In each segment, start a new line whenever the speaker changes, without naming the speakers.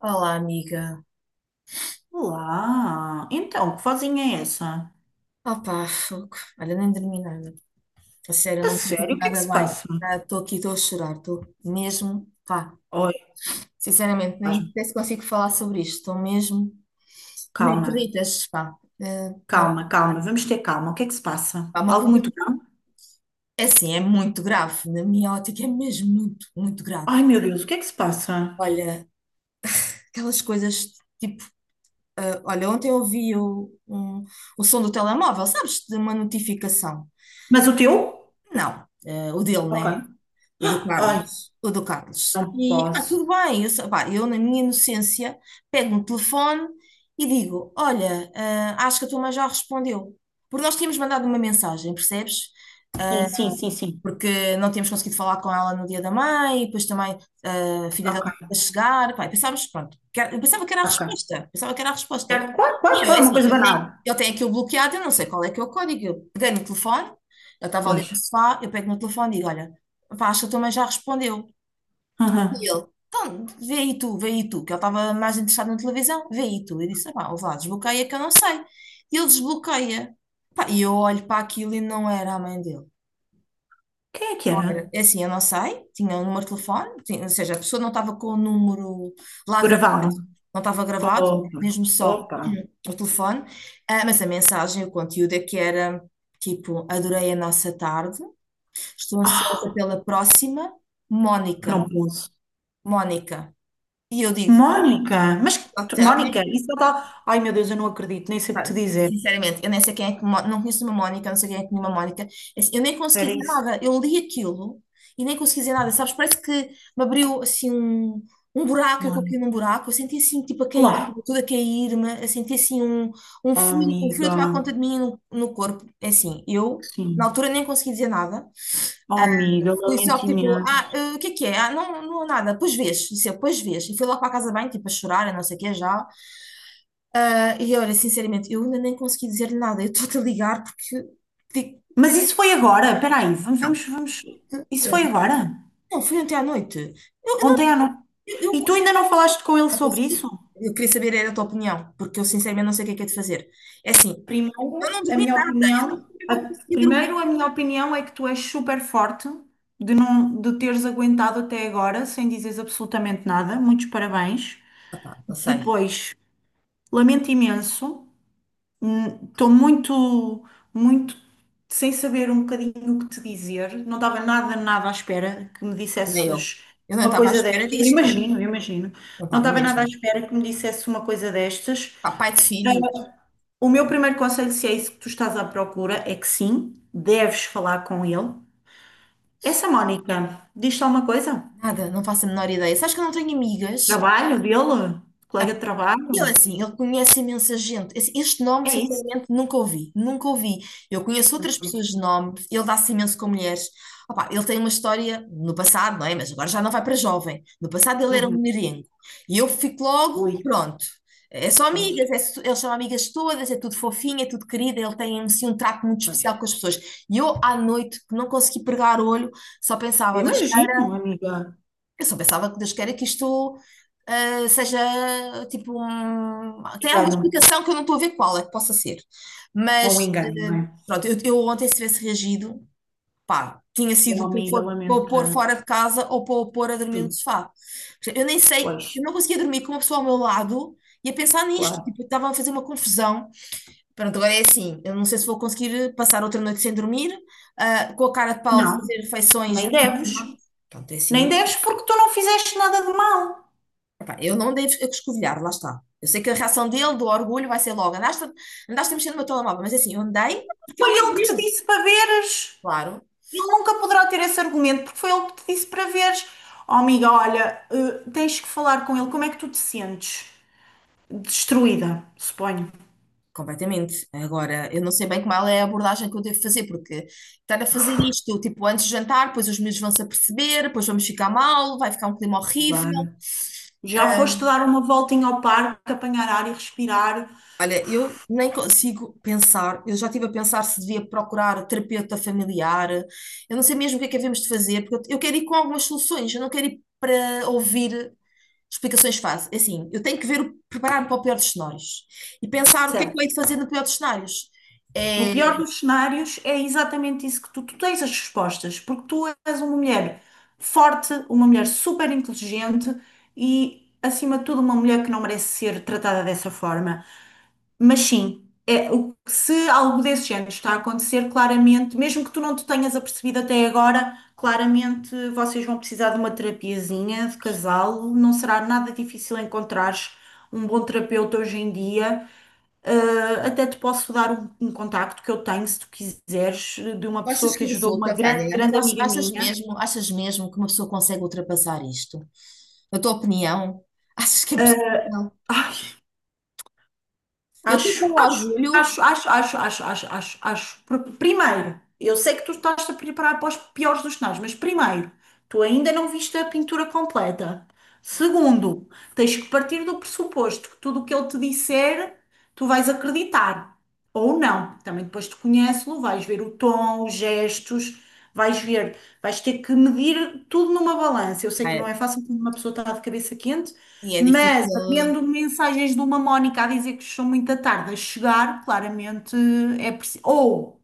Olá, amiga.
Olá, então, que vozinha é essa?
Opa, fogo. Olha, nem dormi nada. A sério,
A
não me sinto
sério, o que é que
nada
se
bem.
passa?
Ah, estou aqui, estou a chorar. Estou mesmo, pá.
Oi,
Sinceramente, nem
pasmo.
sei se consigo falar sobre isto. Estou mesmo, nem
Calma,
acreditas, pá. Eh, dá-
calma, calma, vamos ter calma, o que é que se passa?
Pá, uma
Algo
coisa,
muito grave?
é assim, é muito grave. Na minha ótica, é mesmo muito, muito grave.
Ai, meu Deus, o que é que se passa?
Olha, aquelas coisas, tipo, olha, ontem eu ouvi o som do telemóvel, sabes? De uma notificação.
Mas o teu?
Não, o dele, né?
Ok.
O do
Ai,
Carlos, o do Carlos.
não
E, ah,
posso.
tudo bem, pá, eu na minha inocência pego no telefone e digo, olha, ah, acho que a tua mãe já respondeu. Porque nós tínhamos mandado uma mensagem, percebes?
Sim, sim, sim, sim.
Porque não tínhamos conseguido falar com ela no dia da mãe, e depois também ah, a filha dele
Ok,
estava a chegar, pá, e pensávamos, pronto, eu pensava que era a
ok.
resposta, pensava que era a resposta.
Certo, Claro,
E
claro,
eu,
claro, uma
assim,
coisa
eu
banal.
tenho, eu tenho aquilo bloqueado, eu não sei qual é que é o código, eu peguei no telefone, eu estava ali
Pois.
no sofá, eu pego no telefone e digo, olha, pá, acho que a tua mãe já respondeu. E
Aham.
ele, então, vê aí tu, que ele estava mais interessado na televisão, vê aí tu. Eu disse, ah, pá, ouve lá, desbloqueia que eu não sei. E ele desbloqueia. Pá, e eu olho para aquilo e não era a mãe dele.
Quem é que
Era.
era?
É assim, eu não sei, tinha um número de telefone, ou seja, a pessoa não estava com o número lá,
Gravaram.
não estava gravado,
Opa,
mesmo só
opa.
o telefone. Ah, mas a mensagem, o conteúdo é que era tipo, adorei a nossa tarde, estou ansiosa
Ah,
pela próxima, Mónica,
não posso.
Mónica. E eu digo,
Mónica, mas
ok, ok.
Mónica, isso é tal. Ai meu Deus, eu não acredito, nem sei o que
Pá,
te dizer.
sinceramente, eu nem sei quem é que, não conheço uma Mónica, não sei quem é que nenhuma Mónica. É assim, eu nem consegui
Era
dizer
isso,
nada. Eu li aquilo e nem consegui dizer nada, sabes? Parece que me abriu assim um buraco, eu caí
Mónica.
num buraco. Eu senti assim, tipo, a cair,
Claro.
tudo a cair-me. Eu senti assim um
Oh,
frio, um frio a
amiga,
tomar conta de mim no corpo. É assim, eu na
sim.
altura nem consegui dizer nada.
Oh, amiga,
Fui só
lamento
tipo, ah,
imenso.
o que é que é? Ah, não, não, nada. Pois vês, isso eu, pois vês. E fui logo para a casa bem, tipo, a chorar, e não sei o que já. Ah, e olha, sinceramente, eu ainda nem consegui dizer-lhe nada. Eu estou-te a ligar porque. porque-
Mas isso foi agora? Espera aí, vamos, vamos, vamos.
Então,
Isso
foi
foi
ontem.
agora?
Não, foi ontem à noite. Eu não.
Ontem à noite.
Eu, eu,
E tu
eu-
ainda não falaste com ele
eu
sobre isso?
consegui. Eu queria saber era a tua opinião, porque eu sinceramente não sei o que é de fazer. É assim, eu
Primeiro,
não
a
dormi
minha
nada. Eu não sei
opinião.
como é que eu
A-
consegui dormir.
Primeiro, a minha opinião é que tu és super forte de não de teres aguentado até agora sem dizeres absolutamente nada. Muitos parabéns.
Pá, não sei,
Depois. Lamento imenso, estou muito, muito sem saber um bocadinho o que te dizer. Não estava nada, nada à espera que me
nem eu.
dissesses
Eu não
uma
estava à
coisa
espera
destas. Eu
disto.
imagino, eu imagino.
Não
Não
estava
estava nada à
mesmo.
espera que me dissesse uma coisa destas.
Pá, pai de filhos,
O meu primeiro conselho, se é isso que tu estás à procura, é que sim, deves falar com ele. Essa Mónica, diz-te alguma coisa?
nada, não faço a menor ideia. Sabes que eu não tenho amigas.
Trabalho dele? Colega de
Eu
trabalho?
assim, ele conhece imensa gente. Assim, este nome,
É isso.
sinceramente, nunca ouvi, nunca ouvi. Eu conheço outras pessoas de nome, ele dá-se imenso com mulheres. Opá, ele tem uma história no passado, não é? Mas agora já não vai para jovem. No passado ele era um
Uhum.
merengue. E eu fico logo,
Ui,
pronto. É só
pois,
amigas, é, ele chama amigas todas, é tudo fofinho, é tudo querido, ele tem assim um trato muito
pois.
especial com as pessoas. E eu à noite, que não consegui pregar o olho, só
Eu
pensava,
imagino, amiga.
eu só pensava que Deus queira que isto ah, seja tipo um... Tem alguma
Engano,
explicação que eu não estou a ver qual é que possa ser.
ou um
Mas
engano, não é?
pronto, eu ontem se tivesse reagido, pá, tinha
Um
sido para o pôr para
amigalamento
o pôr
tanto.
fora de casa ou para o pôr a dormir no
Sim,
sofá. Eu nem sei, eu
pois,
não conseguia dormir com uma pessoa ao meu lado e a pensar nisto,
claro.
tipo, estava a fazer uma confusão. Pronto, agora é assim, eu não sei se vou conseguir passar outra noite sem dormir, ah, com a cara de pau de
Não,
fazer refeições.
nem deves.
Pronto, é assim.
Nem deves porque tu não fizeste nada de mal.
Epá, eu não devo escovilhar, lá está. Eu sei que a reação dele, do orgulho, vai ser logo: andaste a mexer no meu telemóvel, mas é assim, eu andei porque
Foi
ele me
ele que te
abriu.
disse para veres.
Claro,
Ele nunca poderá ter esse argumento porque foi ele que te disse para veres. Oh, amiga, olha, tens que falar com ele. Como é que tu te sentes? Destruída, suponho.
completamente. Agora, eu não sei bem como ela é a abordagem que eu devo fazer, porque estar a fazer isto, tipo, antes de jantar, depois os meus vão se aperceber, depois vamos ficar mal, vai ficar um clima horrível.
Claro. Já foste dar uma voltinha ao parque, apanhar ar e respirar.
Olha, eu nem consigo pensar, eu já estive a pensar se devia procurar terapeuta familiar, eu não sei mesmo o que é que havemos de fazer, porque eu quero ir com algumas soluções, eu não quero ir para ouvir explicações fáceis. É assim, eu tenho que ver, preparar-me para o pior dos cenários e pensar o que é que eu
Certo.
hei de fazer no pior dos cenários.
No
É,
pior dos cenários, é exatamente isso que tu tens as respostas, porque tu és uma mulher forte, uma mulher super inteligente e, acima de tudo, uma mulher que não merece ser tratada dessa forma. Mas sim, é, se algo desse género está a acontecer, claramente, mesmo que tu não te tenhas apercebido até agora, claramente vocês vão precisar de uma terapiazinha de casal. Não será nada difícil encontrares um bom terapeuta hoje em dia. Até te posso dar um contacto que eu tenho, se tu quiseres, de uma
tu
pessoa
achas
que
que
ajudou uma
resulta,
grande,
Vânia? Tu
grande amiga minha.
achas mesmo que uma pessoa consegue ultrapassar isto? Na tua opinião, achas que é possível? Eu estou com
Acho, acho,
orgulho,
acho, acho, acho, acho, acho, acho, acho. Porque, primeiro, eu sei que tu estás a preparar para os piores dos cenários, mas primeiro, tu ainda não viste a pintura completa. Segundo, tens que partir do pressuposto que tudo o que ele te disser, tu vais acreditar. Ou não. Também depois te conhece-lo, vais ver o tom, os gestos, vais ver, vais ter que medir tudo numa balança. Eu sei que não
é,
é fácil quando uma pessoa está de cabeça quente.
e é difícil.
Mas, havendo mensagens de uma Mónica a dizer que são muito à tarde a chegar, claramente é preciso. Ou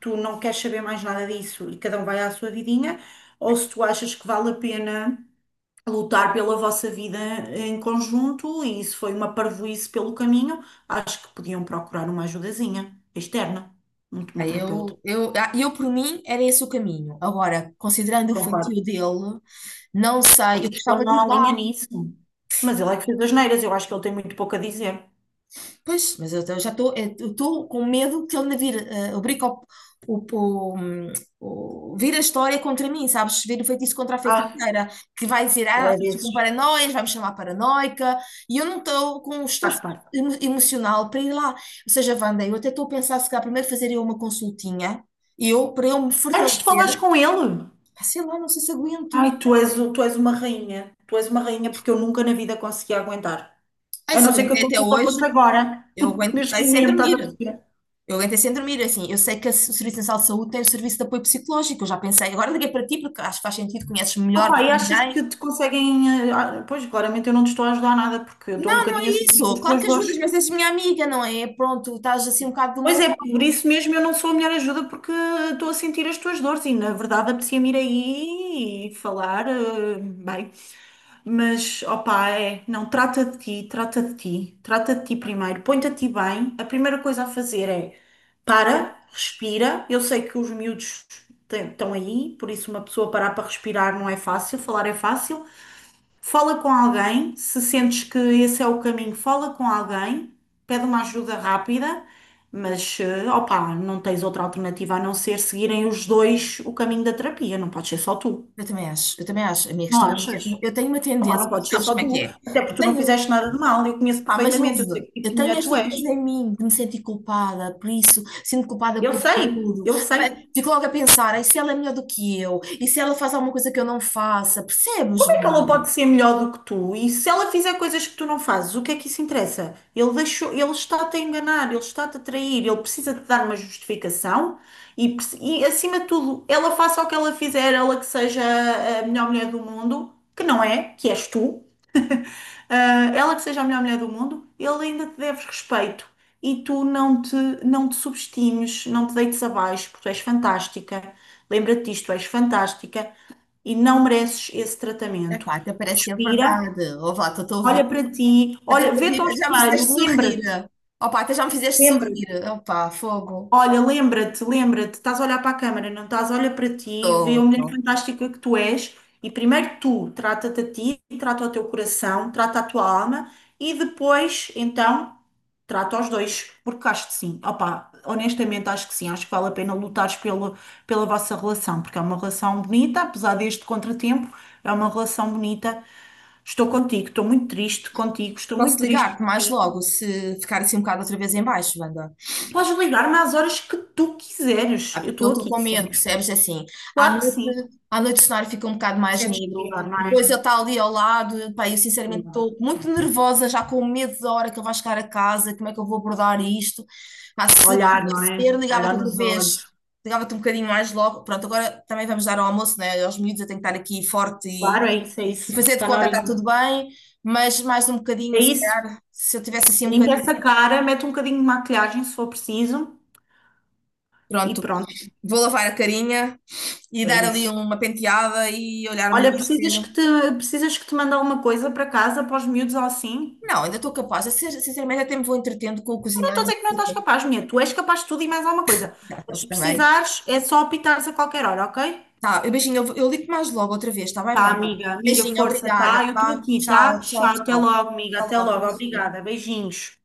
tu não queres saber mais nada disso e cada um vai à sua vidinha, ou se tu achas que vale a pena lutar pela vossa vida em conjunto e isso foi uma parvoíce pelo caminho, acho que podiam procurar uma ajudazinha externa, um
Ah,
terapeuta.
Eu, por mim, era esse o caminho. Agora, considerando o
Concordo.
feitio dele, não sei,
Acho
eu
que ele
gostava de
não
ir
alinha
lá.
nisso? Mas ele é que fez as neiras, eu acho que ele tem muito pouco a dizer.
Pois, mas eu já estou eu estou com medo que ele me vire, obrigue o, o, hum, vire a história contra mim, sabes? Vire o feitiço contra a
Ah,
feiticeira, que vai dizer, ah, ela
ele é
fez com
desses.
paranoias, vai me chamar paranoica, e eu não estou com o
Faz
estofo
parte.
emocional para ir lá. Ou seja, Wanda, eu até estou a pensar se calhar primeiro fazer eu uma consultinha, eu, para eu me
Antes de falares
fortalecer.
com ele?
Ah, sei lá, não sei se
Ai,
aguento.
tu és uma rainha. Tu és uma rainha porque eu nunca na vida consegui aguentar.
Ai,
A
se
não ser que a
aguentei até
consulta
hoje,
fosse agora.
eu
Neste
aguentei sem
momento, estás a
dormir.
perceber?
Eu aguentei sem dormir, é assim, eu sei que o Serviço Nacional de Saúde tem o serviço de apoio psicológico, eu já pensei, agora liguei para ti porque acho que faz sentido, conheces melhor
Opa,
do
e
que
achas
ninguém.
que te conseguem. Pois, claramente eu não te estou a ajudar nada porque eu estou um
Não, não é
bocadinho a sentir
isso,
as
claro
tuas
que ajudas,
dores.
mas és minha amiga, não é? Pronto, estás assim um bocado do meu
Pois é, por
lado.
isso mesmo eu não sou a melhor ajuda porque estou a sentir as tuas dores e na verdade apetecia-me ir aí e falar, bem. Mas, opá, é, não, trata de ti, trata de ti, trata de ti primeiro, põe-te a ti bem. A primeira coisa a fazer é para, respira. Eu sei que os miúdos estão aí, por isso uma pessoa parar para respirar não é fácil, falar é fácil. Fala com alguém, se sentes que esse é o caminho, fala com alguém, pede uma ajuda rápida, mas, opá, não tens outra alternativa a não ser seguirem os dois o caminho da terapia, não pode ser só tu,
Eu também acho, a minha
não
questão é mesmo,
achas?
eu tenho uma
Opa, não
tendência,
pode ser
sabes
só
como é que
tu,
é?
até porque
Eu
tu não
tenho,
fizeste nada de mal, eu conheço
pá, mas
perfeitamente, eu sei
ouve,
que tipo
eu
de
tenho
mulher tu
esta coisa
és.
em mim de me sentir culpada por isso, sinto culpada
Eu
por
sei,
tudo.
eu sei. Como
Bem, fico logo a pensar, e se ela é melhor do que eu? E se ela faz alguma coisa que eu não faça? Percebes,
é que ela
Wanda?
pode ser melhor do que tu? E se ela fizer coisas que tu não fazes, o que é que isso interessa? Ele deixou, ele está-te a enganar, ele está-te a trair, ele precisa te dar uma justificação e, e, acima de tudo, ela faça o que ela fizer, ela que seja a melhor mulher do mundo, que não é, que és tu. Ah, ela que seja a melhor mulher do mundo, ele ainda te deve respeito e tu não te, não te subestimes, não te deites abaixo, porque tu és fantástica. Lembra-te disto, tu és fantástica e não mereces esse tratamento.
Epá, até parece que é
Respira,
verdade. Ó lá, estou a
olha
ouvir.
para ti,
Até
olha,
tô a ouvir.
vê-te ao
Já me fizeste
espelho,
sorrir.
lembra-te,
Ó pá, até já me fizeste
lembra-te.
sorrir. Ó fogo.
Olha, lembra-te, lembra-te, estás a olhar para a câmara, não estás a olhar para ti,
Estou,
vê a mulher
estou.
fantástica que tu és, e primeiro tu trata-te a ti, trata o teu coração, trata a tua alma, e depois, então, trata os dois, porque acho que sim, opá, honestamente acho que sim, acho que vale a pena lutares pelo, pela vossa relação, porque é uma relação bonita, apesar deste contratempo, é uma relação bonita. Estou contigo, estou muito triste contigo, estou muito
Posso
triste
ligar-te
por
mais
ti.
logo se ficar assim um bocado outra vez em baixo, Wanda?
Podes ligar-me às horas que tu quiseres,
Ah,
eu
porque eu
estou
estou
aqui
com medo,
sempre.
percebes? É assim, à
Claro que
noite,
sim.
à noite o cenário fica um bocado mais
Sentes
negro,
pior, não
depois
é?
ele está ali ao lado, pá, eu sinceramente
Claro.
estou muito nervosa, já com medo da hora que ele vai chegar a casa, como é que eu vou abordar isto? Pá, se
Olhar, não
pudesse
é?
ser, ligava-te
Olhar
outra
nos
vez,
olhos.
ligava-te um bocadinho mais logo. Pronto, agora também vamos dar ao almoço, né? Aos miúdos, eu tenho que estar aqui forte e,
Claro, é isso, é
e
isso.
fazer de
Está na
conta que
horinha.
está tudo bem, mas mais um bocadinho,
É
se
isso.
calhar, se eu tivesse assim um
Limpa
bocadinho,
essa cara, mete um bocadinho de maquilhagem se for preciso e
pronto.
pronto.
Vou lavar a carinha e
É
dar ali
isso.
uma penteada e olhar-me ali
Olha,
no espelho.
precisas que te mande alguma coisa para casa, para os miúdos ou assim?
Não, ainda estou capaz. Eu, sinceramente, até me vou entretendo com o
Eu não
cozinhar.
estou
E
a dizer
não
que não
sei o
estás
quê.
capaz, minha. Tu és capaz de tudo e mais alguma coisa.
Tá, tá,
Mas se
tá bem.
precisares, é só apitares a qualquer hora, ok?
Tá, beijinho, eu ligo-te mais logo outra vez, tá bem,
Tá,
vai vai.
amiga, amiga,
Beijinho,
força,
obrigada.
tá? Eu estou
Tá?
aqui, tá?
Tchau,
Tchau,
tchau,
até
tchau.
logo, amiga,
Até
até
logo,
logo. Obrigada,
beijinho.
beijinhos.